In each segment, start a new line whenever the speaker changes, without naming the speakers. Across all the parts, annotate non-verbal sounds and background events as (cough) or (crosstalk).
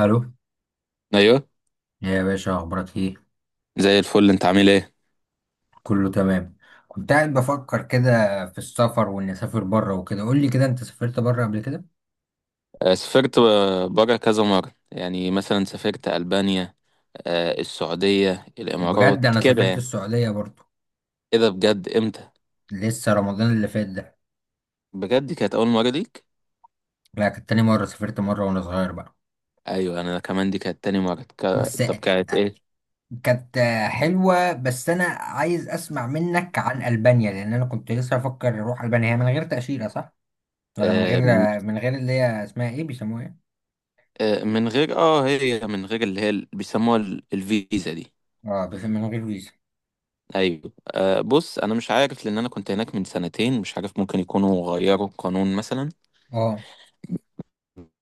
الو،
ايوه.
يا باشا اخبارك ايه؟
زي الفل، انت عامل ايه؟
كله تمام. كنت قاعد بفكر كده في السفر واني اسافر بره وكده. قول لي كده، انت سافرت بره قبل كده؟
سافرت، بره كذا مره، يعني مثلا سافرت البانيا، السعوديه، الامارات
بجد انا
كده
سافرت
يعني.
السعوديه برضو.
ايه ده بجد؟ امتى؟
لسه رمضان اللي فات ده.
بجد دي كانت اول مره ليك؟
لا، كانت تاني مره، سافرت مره وانا صغير بقى.
ايوه انا كمان دي كانت تاني مره
بس
طب كانت ايه؟
كانت حلوه. بس انا عايز اسمع منك عن البانيا، لان انا كنت لسه افكر اروح البانيا. هي من غير تاشيره صح؟ ولا من غير
آه، م-
من غير اللي هي اسمها ايه، بيسموها ايه؟
من غير اه، هي من غير اللي هي اللي بيسموها الفيزا دي.
اه، بس من غير فيزا.
ايوه. بص، انا مش عارف لان انا كنت هناك من سنتين، مش عارف ممكن يكونوا غيروا القانون مثلا.
اه.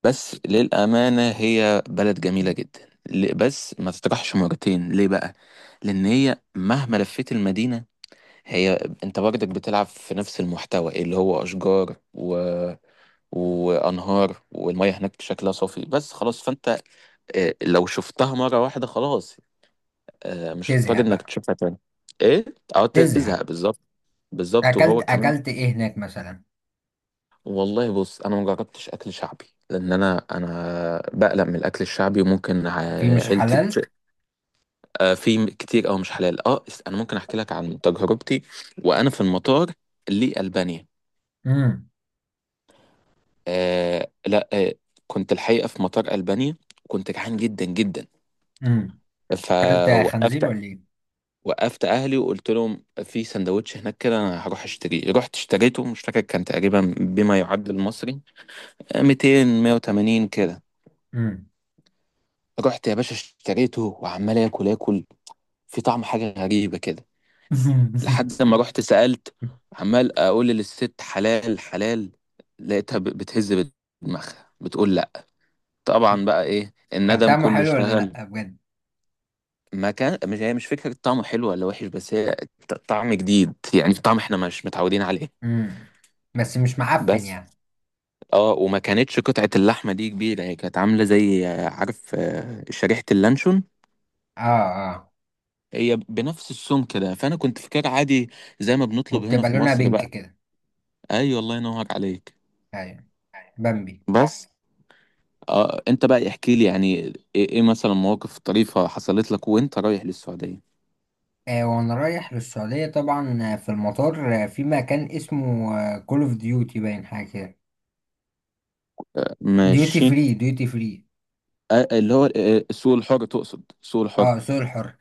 بس للأمانة هي بلد جميلة جدا، بس ما تطرحش مرتين ليه بقى؟ لأن هي مهما لفيت المدينة، هي أنت برضك بتلعب في نفس المحتوى اللي هو أشجار وأنهار، والمية هناك شكلها صافي بس خلاص. فأنت لو شفتها مرة واحدة خلاص، مش هتضطر
تزهق
إنك
بقى.
تشوفها تاني. إيه؟ أه،
تزهق.
تزهق بالظبط. بالظبط.
اكلت
وهو كمان،
اكلت ايه هناك مثلا؟
والله بص انا ما جربتش اكل شعبي، لان انا بقلق من الاكل الشعبي، وممكن
في مش حلال؟
في كتير او مش حلال. اه، انا ممكن احكي لك عن تجربتي وانا في المطار لألبانيا.
امم
آه لا آه كنت الحقيقه في مطار ألبانيا كنت جعان جدا جدا،
امم اكلت
فوقفت.
خنزير ولا ايه؟
وقفت اهلي وقلت لهم في سندوتش هناك كده، انا هروح اشتريه. رحت اشتريته، مش فاكر كان تقريبا بما يعادل المصري 200، 180 كده.
امم
رحت يا باشا اشتريته، وعمال اكل اكل، في طعم حاجه غريبه كده،
(laughs)
لحد لما رحت سالت. عمال اقول للست حلال حلال، لقيتها بتهز بدماغها بتقول لا. طبعا بقى ايه،
كان
الندم
طعمه
كله
حلو ولا
اشتغل.
لا بجد؟
ما كان مش، هي مش فكره طعمه حلو ولا وحش، بس هي طعم جديد يعني، طعم احنا مش متعودين عليه.
امم بس مش معفن
بس
يعني.
اه، وما كانتش قطعه اللحمه دي كبيره، هي كانت عامله زي عارف شريحه اللانشون،
اه. اه.
هي بنفس السمك كده. فانا كنت فاكر عادي زي ما بنطلب هنا
وبتبقى
في
لونها
مصر
بينك
بقى.
كده.
ايوه الله ينور عليك.
ايوه. بامبي.
بس آه، انت بقى احكي لي يعني ايه، إيه مثلا مواقف طريفة حصلت لك وانت رايح للسعودية؟
آه، وانا رايح للسعوديه طبعا، في المطار، في مكان اسمه كول اوف ديوتي باين حاجه كده. ديوتي
ماشي.
فري، ديوتي فري.
آه، اللي هو آه، السوق الحر، تقصد سوق الحر؟
اه، سوق الحر.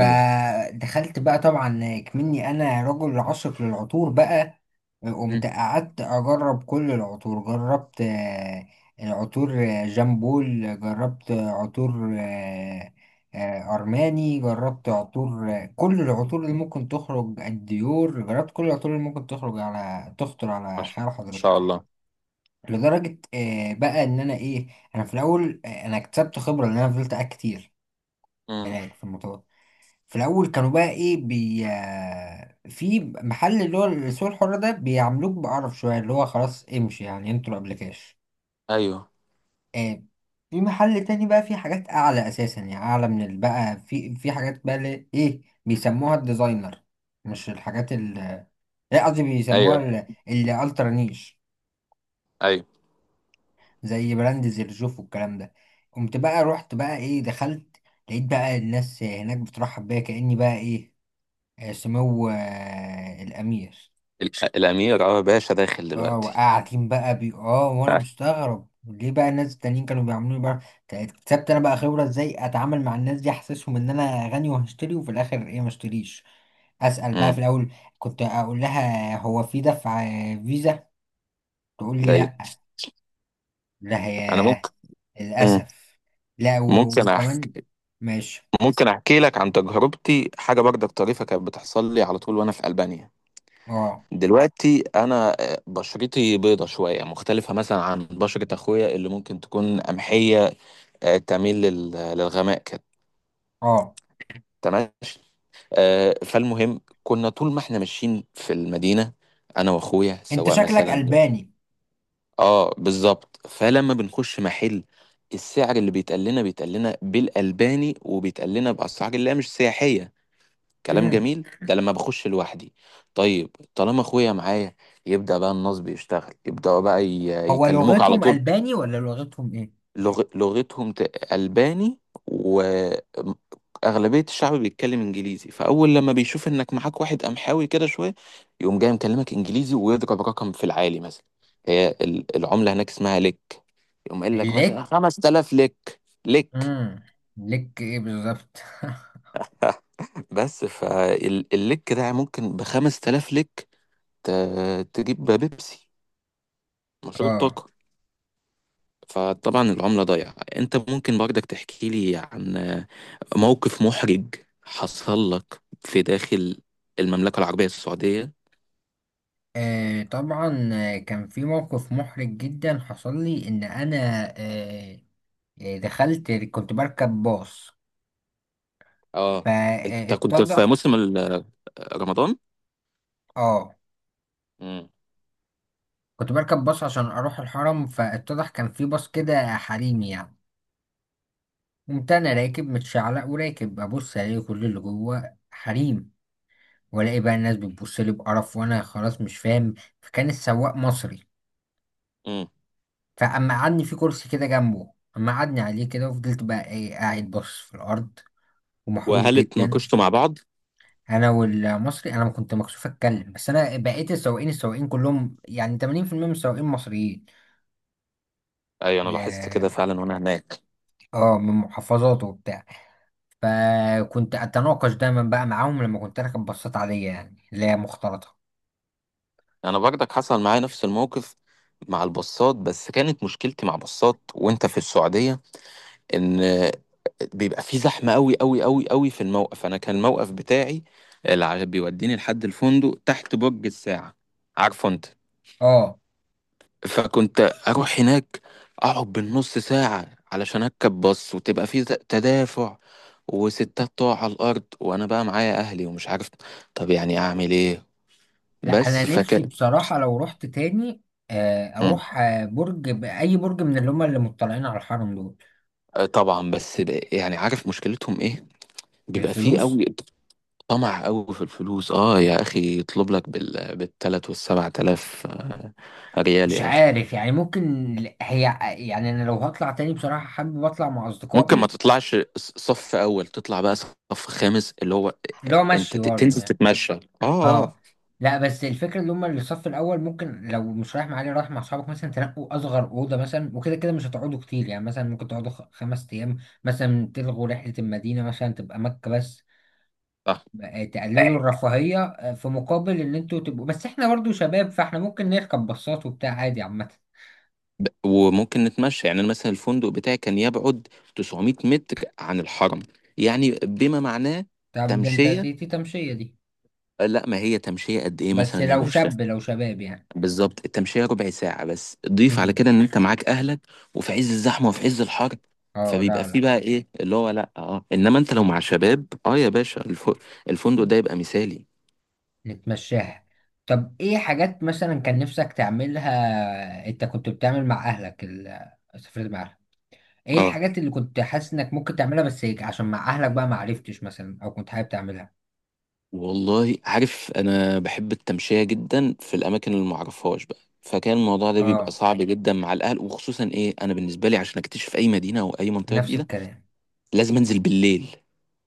ايوه.
بقى طبعا، كمني انا رجل عاشق للعطور بقى. قمت
مم.
قعدت اجرب كل العطور، جربت العطور، جامبول، جربت عطور ارماني، جربت عطور كل العطور اللي ممكن تخرج، الديور، جربت كل العطور اللي ممكن تخرج على تخطر
ما
على
شاء
خيال حضرتك.
الله.
لدرجة بقى ان انا ايه، انا في الاول انا اكتسبت خبرة ان انا فضلت قاعد كتير
مم.
هناك في المطار. في الاول كانوا بقى ايه بي في محل اللي هو السوق الحر ده بيعاملوك بقرف شويه، اللي هو خلاص امشي يعني، انتوا قبل كاش.
ايوه.
آه. في محل تاني بقى فيه حاجات اعلى اساسا، يعني اعلى من بقى في حاجات بقى اللي ايه بيسموها الديزاينر، مش الحاجات ال، لا قصدي بيسموها
ايوه.
الالترا نيش.
ايوه
زي براند زرجوف والكلام ده. قمت بقى رحت بقى ايه، دخلت، لقيت بقى الناس هناك بترحب بيا كأني بقى ايه، سمو الامير.
الامير، اه باشا داخل
اه،
دلوقتي.
وقاعدين بقى بي، اه، وانا
(laughs)
مستغرب ليه بقى الناس التانيين كانوا بيعملوني بقى. اكتسبت انا بقى خبرة ازاي اتعامل مع الناس دي، احسسهم ان انا غني وهشتري وفي الاخر ايه ما اشتريش. اسأل بقى في
مم.
الاول، كنت اقول لها هو في دفع فيزا، تقول لي
ايوه.
لا. لا
انا
هي
ممكن، مم.
للاسف. لا،
ممكن
وكمان.
احكي،
ماشي.
ممكن احكي لك عن تجربتي، حاجه برضك طريفه كانت بتحصل لي على طول وانا في البانيا.
اه.
دلوقتي انا آه، بشرتي بيضه شويه، مختلفه مثلا عن بشره اخويا اللي ممكن تكون قمحيه، تميل للغماء كده.
اه.
تمام. فالمهم كنا طول ما احنا ماشيين في المدينه، انا واخويا
انت
سواء
شكلك
مثلا.
الباني.
اه بالظبط. فلما بنخش محل، السعر اللي بيتقال لنا، بالالباني، وبيتقال لنا باسعار اللي هي مش سياحيه. كلام
امم.
جميل ده لما بخش لوحدي. طيب طالما اخويا معايا، يبدأ بقى النصب يشتغل، يبدأوا بقى
هو
يكلموك على
لغتهم
طول.
الباني ولا لغتهم ايه؟
لغتهم ألباني، وأغلبية الشعب بيتكلم إنجليزي. فأول لما بيشوف إنك معاك واحد قمحاوي كده شوية، يقوم جاي مكلمك إنجليزي، ويضرب رقم في العالي مثلا. هي العملة هناك اسمها لك، يقوم قايل لك مثلا
ليك.
5000 لك. لك.
امم. ليك ايه بالظبط؟ (laughs)
بس فاللك ده ممكن ب 5000 لك ت- تجيب بيبسي، مشروب
اه.
طاقة. فطبعا العملة ضايعة. انت ممكن برضك تحكي لي عن موقف محرج حصل لك في داخل المملكة العربية السعودية؟
آه، طبعا، كان في موقف محرج جدا حصل لي ان انا، آه، دخلت كنت بركب باص،
اه، انت كنت
فاتضح.
في موسم رمضان.
اه.
امم.
كنت بركب باص عشان اروح الحرم، فاتضح كان في باص كده حريم يعني. قمت انا راكب متشعلق وراكب ابص، الاقي كل اللي جوه حريم، والاقي بقى الناس بتبص لي بقرف وانا خلاص مش فاهم. فكان السواق مصري،
امم.
فاما قعدني في كرسي كده جنبه، اما قعدني عليه كده، وفضلت بقى ايه قاعد باصص في الارض ومحروق
وهل
جدا.
اتناقشتوا مع بعض؟
انا والمصري، انا ما كنت مكسوف اتكلم. بس انا بقيت، السواقين كلهم يعني 80% من السواقين مصريين.
ايوه انا لاحظت كده
اه.
فعلا وانا هناك.
من محافظات وبتاع. فكنت اتناقش دايما بقى معاهم لما كنت راكب باصات عاديه يعني، اللي هي مختلطه.
انا برضك حصل معايا نفس الموقف مع البصات، بس كانت مشكلتي مع بصات وانت في السعودية، ان بيبقى في زحمه قوي قوي قوي قوي في الموقف. انا كان الموقف بتاعي اللي بيوديني لحد الفندق تحت برج الساعه، عارفه انت.
اه.
فكنت اروح هناك، اقعد بالنص ساعه علشان اركب باص، وتبقى في تدافع، وستات تقع على الارض، وانا بقى معايا اهلي ومش عارف طب يعني اعمل ايه.
لا، انا
بس
نفسي
فكان،
بصراحه لو رحت تاني،
مم.
اروح برج اي برج من اللي هم اللي مطلعين على الحرم دول.
آه، طبعا. بس بقى يعني عارف مشكلتهم ايه؟ بيبقى فيه
الفلوس.
قوي، طمع قوي في الفلوس. اه يا اخي يطلب لك بالتلات والسبع تلاف ريال
مش
يا اخي.
عارف يعني، ممكن هي، يعني انا لو هطلع تاني بصراحة حابب اطلع مع
ممكن ما
اصدقائي.
تطلعش صف اول، تطلع بقى صف خامس اللي هو،
اللي هو
انت
مشي برضه
تنزل
يعني.
تتمشى اه.
اه.
اه.
لا، بس الفكره اللي هم اللي الصف الاول، ممكن لو مش رايح مع علي، رايح مع اصحابك مثلا، تنقوا اصغر اوضه مثلا، وكده كده مش هتقعدوا كتير يعني، مثلا ممكن تقعدوا خمس ايام مثلا، تلغوا رحله المدينه مثلا، تبقى مكه بس،
صح.
تقللوا الرفاهيه في مقابل ان انتوا تبقوا، بس احنا برضه شباب، فاحنا ممكن نركب باصات وبتاع عادي عامه.
وممكن نتمشى يعني. أنا مثلا الفندق بتاعي كان يبعد 900 متر عن الحرم، يعني بما معناه
طب ده انت
تمشية.
تي تي تمشيه دي؟
لا ما هي تمشية قد ايه
بس
مثلا يا
لو
باشا؟
شاب، لو شباب يعني.
بالظبط، التمشية ربع ساعة، بس ضيف على
مم.
كده ان انت معاك اهلك، وفي عز الزحمة وفي عز الحر.
اه
فبيبقى
لا
فيه
لا.
بقى ايه اللي هو، لا اه، انما انت لو مع
مم.
شباب، اه يا باشا، الفندق ده يبقى مثالي.
نتمشاها. طب ايه حاجات مثلا كان نفسك تعملها، انت كنت بتعمل مع اهلك ال، سافرت مع اهلك، ايه
اه
الحاجات اللي كنت حاسس انك ممكن تعملها بس هيك، عشان مع اهلك بقى ما عرفتش مثلا، او كنت حابب تعملها؟
والله، عارف انا بحب التمشية جدا في الاماكن اللي معرفهاش بقى، فكان الموضوع ده بيبقى
اه.
صعب جدا مع الاهل. وخصوصا ايه، انا بالنسبة لي عشان اكتشف اي مدينة او اي منطقة
نفس
جديدة،
الكلام.
لازم انزل بالليل،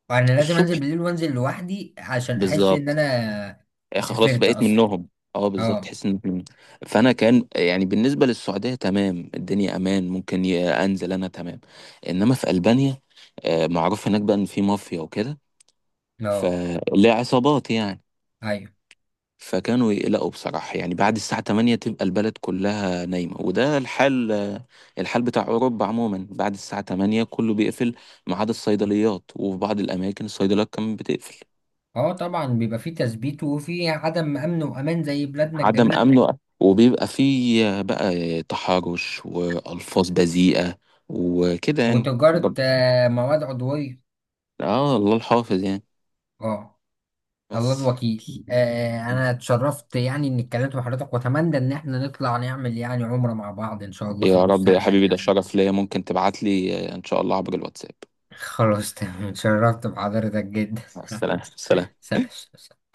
وانا لازم انزل
الصبح،
بالليل وانزل لوحدي عشان احس ان
بالظبط.
انا
خلاص
سافرت
بقيت
اصلا.
منهم. اه بالظبط
اه.
تحس ان فانا كان يعني بالنسبه للسعوديه تمام، الدنيا امان ممكن انزل انا تمام. انما في البانيا، آه، معروف هناك بقى ان في مافيا وكده،
اه.
فليه عصابات يعني.
ايوه.
فكانوا يقلقوا بصراحه يعني. بعد الساعه 8 تبقى البلد كلها نايمه، وده الحال، بتاع اوروبا عموما، بعد الساعه 8 كله بيقفل ما عدا الصيدليات، وفي بعض الاماكن الصيدليات كمان بتقفل.
اه طبعا، بيبقى فيه تثبيت وفيه عدم امن وامان زي بلادنا
عدم
الجميله.
امنه، وبيبقى فيه بقى تحرش والفاظ بذيئه وكده يعني
وتجاره مواد عضويه.
اه الله الحافظ يعني.
اه. الله
بس.
الوكيل. آه، انا اتشرفت يعني اني اتكلمت مع حضرتك، واتمنى ان احنا نطلع نعمل يعني عمرة مع بعض ان شاء الله في
يا رب يا
المستقبل
حبيبي، ده
يعني.
شرف ليا. ممكن تبعت لي ان شاء الله عبر الواتساب.
خلاص تمام، اتشرفت بحضرتك جدا.
مع السلامه، سلام.
(laughs) س-